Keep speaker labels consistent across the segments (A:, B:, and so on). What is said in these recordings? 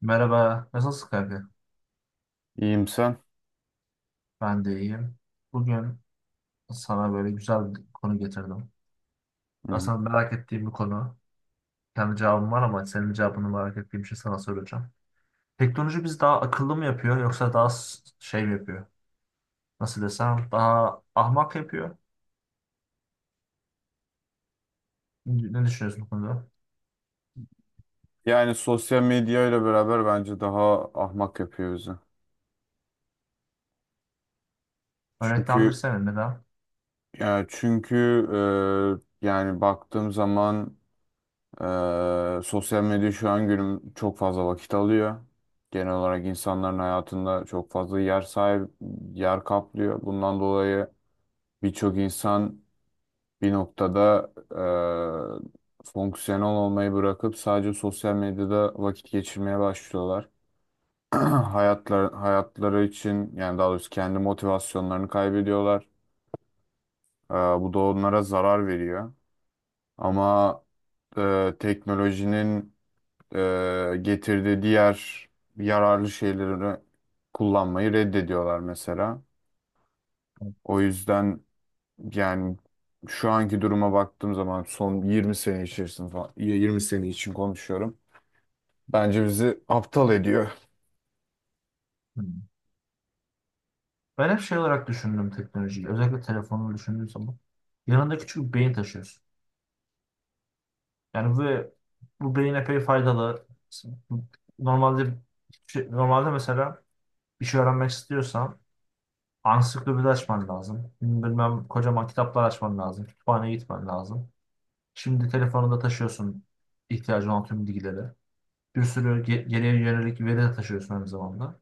A: Merhaba, nasılsın kanka?
B: İyiyim sen.
A: Ben de iyiyim. Bugün sana böyle güzel bir konu getirdim.
B: Hı.
A: Aslında merak ettiğim bir konu. Kendi cevabım var ama senin cevabını merak ettiğim için sana soracağım. Teknoloji bizi daha akıllı mı yapıyor yoksa daha şey mi yapıyor? Nasıl desem daha ahmak yapıyor. Ne düşünüyorsun bu konuda?
B: Yani sosyal medya ile beraber bence daha ahmak yapıyor bizi. Çünkü
A: Örneklendirsene neden?
B: yani çünkü yani baktığım zaman, sosyal medya şu an günüm çok fazla vakit alıyor. Genel olarak insanların hayatında çok fazla yer kaplıyor. Bundan dolayı birçok insan bir noktada fonksiyonel olmayı bırakıp sadece sosyal medyada vakit geçirmeye başlıyorlar. Hayatları için, yani daha doğrusu, kendi motivasyonlarını kaybediyorlar. Bu da onlara zarar veriyor. Ama teknolojinin getirdiği diğer yararlı şeyleri kullanmayı reddediyorlar mesela. O yüzden, yani, şu anki duruma baktığım zaman son 20 sene içerisinde falan, 20 sene için konuşuyorum. Bence bizi aptal ediyor.
A: Hmm. Ben hep şey olarak düşündüm teknolojiyi. Özellikle telefonumu düşündüğüm zaman. Yanında küçük bir beyin taşıyorsun. Yani bu beyin epey faydalı. Normalde normalde mesela bir şey öğrenmek istiyorsan ansiklopedi açman lazım. Bilmem kocaman kitaplar açman lazım. Kütüphaneye gitmen lazım. Şimdi telefonunda taşıyorsun ihtiyacın olan tüm bilgileri. Bir sürü geriye yönelik veri de taşıyorsun aynı zamanda.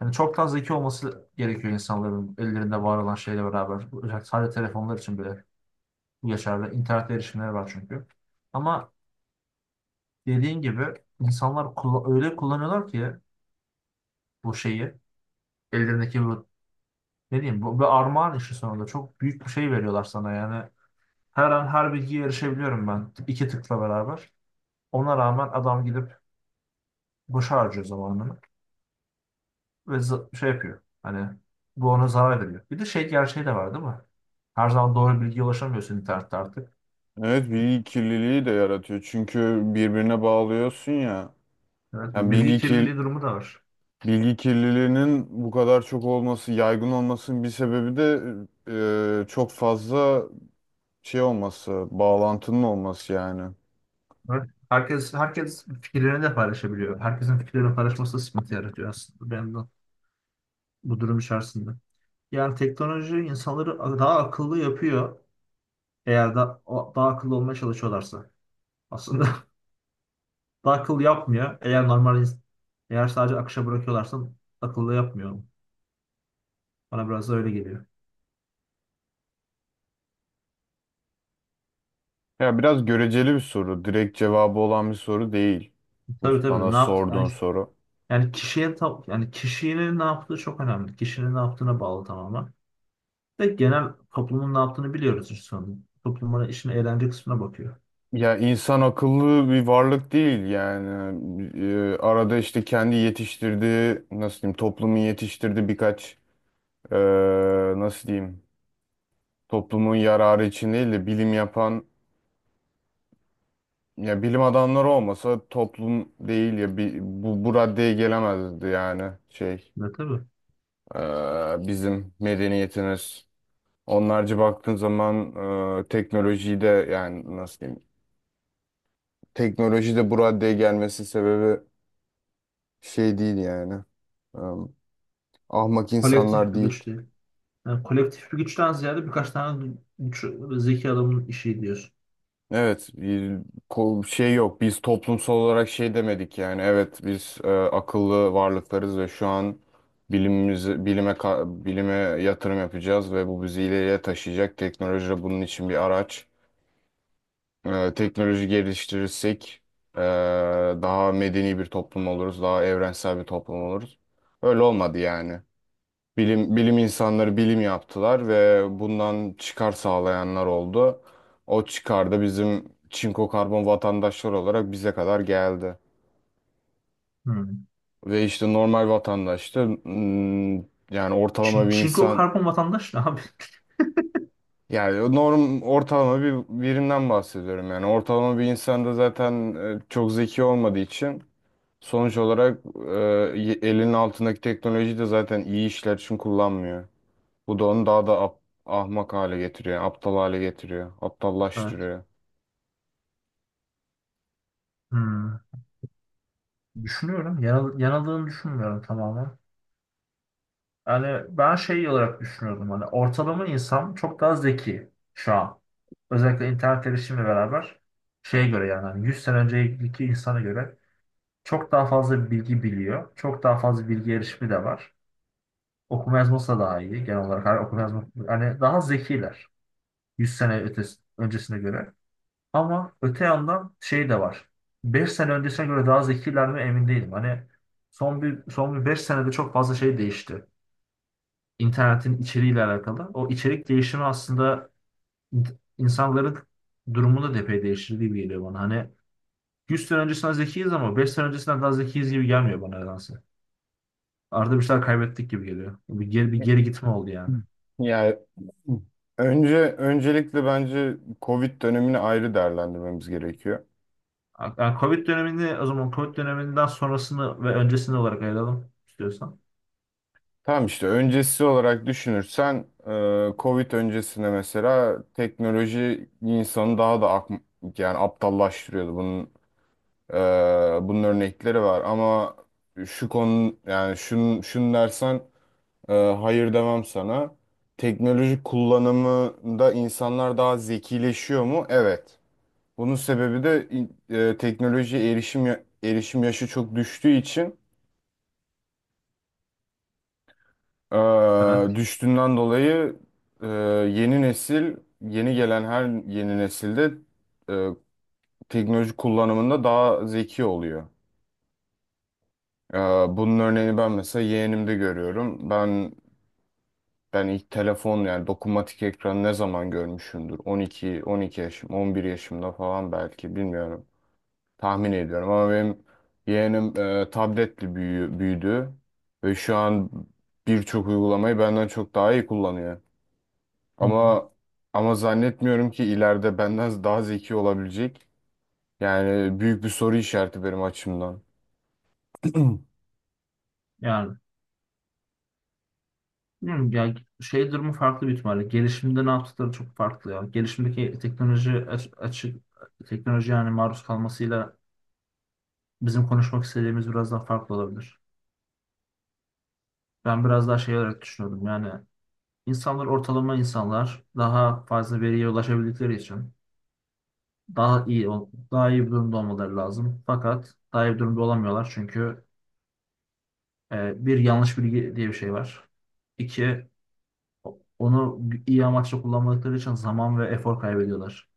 A: Yani çoktan zeki olması gerekiyor insanların ellerinde var olan şeyle beraber. Özellikle sadece telefonlar için bile bu geçerli. İnternet erişimleri var çünkü. Ama dediğin gibi insanlar öyle kullanıyorlar ki bu şeyi ellerindeki bu ne diyeyim, bu bir armağan işi, sonunda çok büyük bir şey veriyorlar sana. Yani her an her bilgiye erişebiliyorum ben iki tıkla beraber, ona rağmen adam gidip boşa harcıyor zamanını ve şey yapıyor, hani bu ona zarar veriyor. Bir de şey gerçeği de var, değil mi? Her zaman doğru bilgiye ulaşamıyorsun internette artık.
B: Evet, bilgi kirliliği de yaratıyor. Çünkü birbirine bağlıyorsun ya.
A: Evet, bir
B: Yani
A: bilgi kirliliği durumu da var.
B: bilgi kirliliğinin bu kadar çok olması, yaygın olmasının bir sebebi de çok fazla şey olması, bağlantının olması yani.
A: Evet. Herkes fikirlerini de paylaşabiliyor. Herkesin fikirlerini paylaşması da sıkıntı yaratıyor aslında. Ben de bu durum içerisinde. Yani teknoloji insanları daha akıllı yapıyor eğer daha akıllı olmaya çalışıyorlarsa. Aslında daha akıllı yapmıyor. Eğer sadece akışa bırakıyorlarsa akıllı yapmıyor. Bana biraz da öyle geliyor.
B: Ya, biraz göreceli bir soru, direkt cevabı olan bir soru değil. Bu
A: Tabii, tabii.
B: bana
A: Ne yaptı?
B: sorduğun soru.
A: Yani kişinin ne yaptığı çok önemli. Kişinin ne yaptığına bağlı tamamen. Ve genel toplumun ne yaptığını biliyoruz işte sonunda. Toplumun işin eğlence kısmına bakıyor.
B: Ya, insan akıllı bir varlık değil yani. Arada işte kendi yetiştirdiği, nasıl diyeyim, toplumun yetiştirdiği birkaç nasıl diyeyim, toplumun yararı için değil de bilim yapan, ya bilim adamları olmasa toplum değil, ya bu raddeye gelemezdi, yani şey,
A: Ne, tabii.
B: bizim medeniyetimiz. Onlarca baktığın zaman teknolojiyi de, yani nasıl diyeyim, teknoloji de bu raddeye gelmesi sebebi şey değil yani. Eee, Ahmak
A: Kolektif
B: insanlar
A: bir
B: değil.
A: güç değil. Yani kolektif bir güçten ziyade birkaç tane güç, zeki adamın işi diyorsun.
B: Evet, bir şey yok. Biz toplumsal olarak şey demedik yani. Evet, biz akıllı varlıklarız ve şu an bilime yatırım yapacağız ve bu bizi ileriye taşıyacak. Teknoloji de bunun için bir araç. Teknoloji geliştirirsek e, daha medeni bir toplum oluruz, daha evrensel bir toplum oluruz. Öyle olmadı yani. Bilim insanları bilim yaptılar ve bundan çıkar sağlayanlar oldu. O çıkar da bizim çinko karbon vatandaşlar olarak bize kadar geldi.
A: Hmm.
B: Ve işte normal vatandaş da, yani ortalama bir
A: Çinko
B: insan,
A: karbon vatandaş ne abi?
B: yani ortalama bir birinden bahsediyorum, yani ortalama bir insan da zaten çok zeki olmadığı için sonuç olarak elinin altındaki teknolojiyi de zaten iyi işler için kullanmıyor. Bu da onu daha da ahmak hale getiriyor, aptal hale getiriyor,
A: Evet.
B: aptallaştırıyor.
A: Hmm. Düşünüyorum. Yanıldığını düşünmüyorum tamamen. Yani ben şey olarak düşünüyordum. Hani ortalama insan çok daha zeki şu an. Özellikle internet erişimle beraber şeye göre, yani hani 100 sene önceki insana göre çok daha fazla bilgi biliyor. Çok daha fazla bilgi erişimi de var. Okuma yazması da daha iyi genel olarak. Hani okuma yazma, hani daha zekiler. Öncesine göre. Ama öte yandan şey de var. 5 sene öncesine göre daha zekiler mi emin değilim. Hani son bir 5 senede çok fazla şey değişti. İnternetin içeriğiyle alakalı. O içerik değişimi aslında in- insanların durumunu da epey değiştirdiği gibi geliyor bana. Hani 100 sene öncesinden zekiyiz ama 5 sene öncesinden daha zekiyiz gibi gelmiyor bana nedense. Arada bir şeyler kaybettik gibi geliyor. Bir geri gitme oldu yani.
B: Yani, öncelikle bence Covid dönemini ayrı değerlendirmemiz gerekiyor.
A: Yani Covid dönemini, o zaman Covid döneminden sonrasını ve öncesini olarak ayıralım istiyorsan.
B: Tamam, işte öncesi olarak düşünürsen Covid öncesine mesela teknoloji insanı daha da yani aptallaştırıyordu. E, bunun örnekleri var ama şu konu, yani şunu dersen, hayır demem sana. Teknoloji kullanımında insanlar daha zekileşiyor mu? Evet. Bunun sebebi de teknolojiye erişim, erişim yaşı çok düştüğü için,
A: Evet.
B: düştüğünden dolayı e, yeni yeni gelen her yeni nesilde e, teknoloji kullanımında daha zeki oluyor. E, Bunun örneğini ben mesela yeğenimde görüyorum. Ben ilk telefon, yani dokunmatik ekranı ne zaman görmüşümdür? 12, 12 yaşım, 11 yaşımda falan, belki bilmiyorum. Tahmin ediyorum ama benim yeğenim tabletle büyüdü ve şu an birçok uygulamayı benden çok daha iyi kullanıyor.
A: Hı hı.
B: Ama ama zannetmiyorum ki ileride benden daha zeki olabilecek. Yani büyük bir soru işareti benim açımdan.
A: Yani bilmiyorum ya, şey durumu farklı bir ihtimalle. Gelişimde ne yaptıkları çok farklı ya. Açık teknoloji yani maruz kalmasıyla bizim konuşmak istediğimiz biraz daha farklı olabilir. Ben biraz daha şey olarak düşünüyordum. Yani ortalama insanlar daha fazla veriye ulaşabildikleri için daha iyi bir durumda olmaları lazım. Fakat daha iyi bir durumda olamıyorlar çünkü bir yanlış bilgi diye bir şey var. İki, onu iyi amaçla kullanmadıkları için zaman ve efor kaybediyorlar.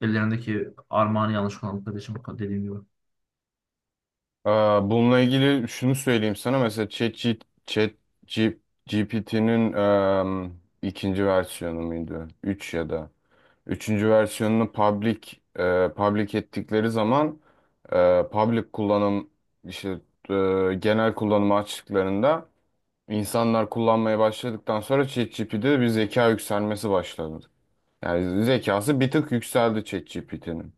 A: Ellerindeki armağanı yanlış kullandıkları için dediğim gibi.
B: Bununla ilgili şunu söyleyeyim sana: mesela GPT'nin ikinci versiyonu muydu, 3 ya da üçüncü versiyonunu public, public ettikleri zaman, public kullanım, işte genel kullanımı açtıklarında, insanlar kullanmaya başladıktan sonra ChatGPT'de bir zeka yükselmesi başladı. Yani zekası bir tık yükseldi ChatGPT'nin.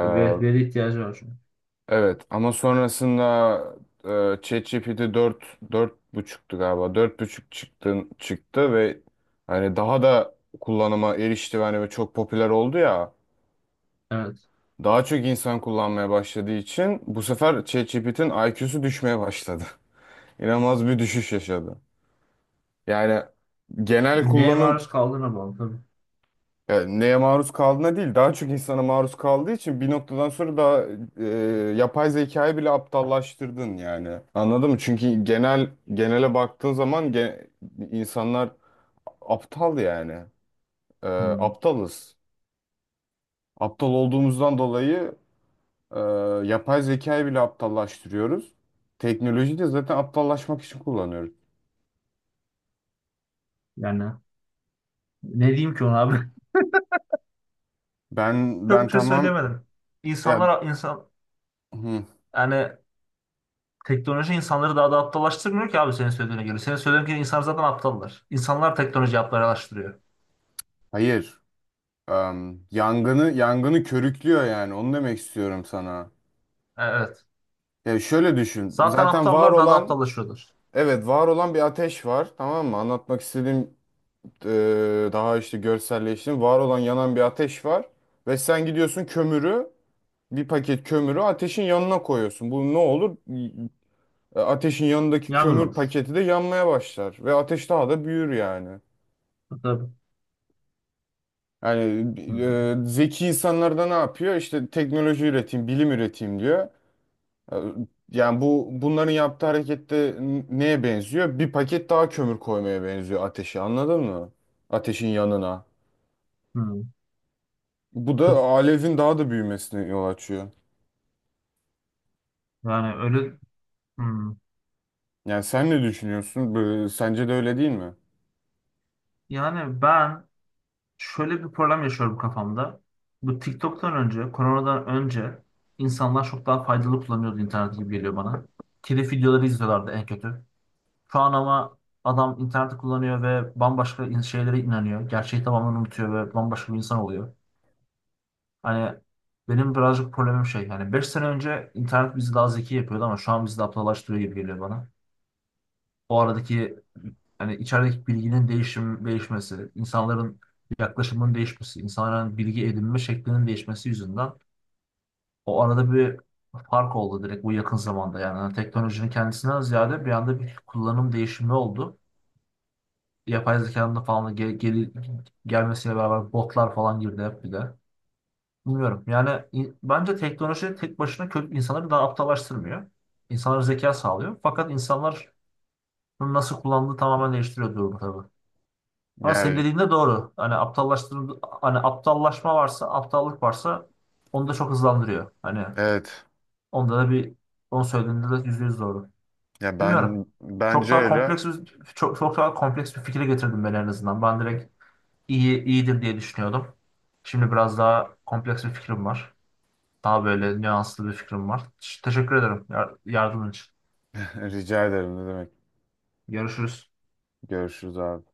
A: Ve veri ihtiyacı var çünkü.
B: Evet, ama sonrasında ChatGPT dört buçuktu galiba. Dört buçuk çıktı ve hani daha da kullanıma erişti, ve hani çok popüler oldu ya.
A: Evet.
B: Daha çok insan kullanmaya başladığı için bu sefer ChatGPT'nin IQ'su düşmeye başladı. İnanılmaz bir düşüş yaşadı. Yani genel
A: Yani neye
B: kullanım
A: maruz kaldığına bağlı tabii.
B: Yani neye maruz kaldığına değil, daha çok insana maruz kaldığı için bir noktadan sonra daha e, yapay zekayı bile aptallaştırdın yani. Anladın mı? Çünkü genele baktığın zaman insanlar aptal yani. E,
A: Hmm.
B: Aptalız. Aptal olduğumuzdan dolayı e, yapay zekayı bile aptallaştırıyoruz. Teknolojiyi de zaten aptallaşmak için kullanıyoruz.
A: Yani ne diyeyim ki ona abi?
B: Ben
A: Çok
B: ben
A: bir şey
B: tamam
A: söylemedim.
B: ya,
A: İnsanlar,
B: hı,
A: yani teknoloji insanları daha da aptallaştırmıyor ki abi senin söylediğine göre. Senin söylediğin gibi insanlar zaten aptallar. İnsanlar teknoloji aptallaştırıyor.
B: hayır. Yangını körüklüyor yani. Onu demek istiyorum sana.
A: Evet.
B: Ya şöyle düşün.
A: Zaten
B: Zaten var
A: aptallar daha da
B: olan,
A: aptallaşıyorlar.
B: evet var olan bir ateş var. Tamam mı? Anlatmak istediğim, e, daha işte görselleştirdim, var olan yanan bir ateş var. Ve sen gidiyorsun bir paket kömürü ateşin yanına koyuyorsun. Bu ne olur? Ateşin yanındaki
A: Yangın
B: kömür
A: olur.
B: paketi de yanmaya başlar. Ve ateş daha da büyür yani.
A: Tabii.
B: Yani
A: Hmm.
B: zeki insanlar da ne yapıyor? İşte teknoloji üreteyim, bilim üreteyim diyor. Yani bunların yaptığı harekette neye benziyor? Bir paket daha kömür koymaya benziyor ateşi, anladın mı? Ateşin yanına.
A: Hmm.
B: Bu da alevin daha da büyümesine yol açıyor.
A: Yani öyle. Hmm.
B: Yani sen ne düşünüyorsun? Sence de öyle değil mi?
A: Yani ben şöyle bir problem yaşıyorum kafamda. Bu TikTok'tan önce, koronadan önce insanlar çok daha faydalı kullanıyordu internet gibi geliyor bana. Telif videoları izliyorlardı en kötü. Şu an ama adam interneti kullanıyor ve şeylere inanıyor. Gerçeği tamamen unutuyor ve bambaşka bir insan oluyor. Hani benim birazcık problemim şey. Yani 5 sene önce internet bizi daha zeki yapıyordu ama şu an bizi de aptallaştırıyor gibi geliyor bana. O aradaki, hani içerideki bilginin değişim değişmesi, insanların yaklaşımının değişmesi, insanların bilgi edinme şeklinin değişmesi yüzünden o arada bir fark oldu direkt bu yakın zamanda. Yani hani teknolojinin kendisinden ziyade bir anda bir kullanım değişimi oldu. Yapay zekanın da falan da gelmesiyle beraber botlar falan girdi hep bir de. Bilmiyorum. Yani bence teknoloji tek başına kötü insanları daha aptallaştırmıyor. İnsanlara zeka sağlıyor. Fakat insanlar bunu nasıl kullandığı tamamen değiştiriyor durumu tabii. Ama senin
B: Yani
A: dediğin de doğru. Hani aptallaşma varsa, aptallık varsa onu da çok hızlandırıyor. Hani
B: evet.
A: onda da bir, onu söylediğinde de yüzde yüz doğru.
B: Ya,
A: Bilmiyorum.
B: ben
A: Çok
B: bence
A: daha
B: öyle.
A: kompleks bir, Çok, daha kompleks bir fikre getirdim ben en azından. Ben direkt iyi iyidir diye düşünüyordum. Şimdi biraz daha kompleks bir fikrim var. Daha böyle nüanslı bir fikrim var. Teşekkür ederim yardımın için.
B: Rica ederim, ne demek.
A: Görüşürüz.
B: Görüşürüz abi.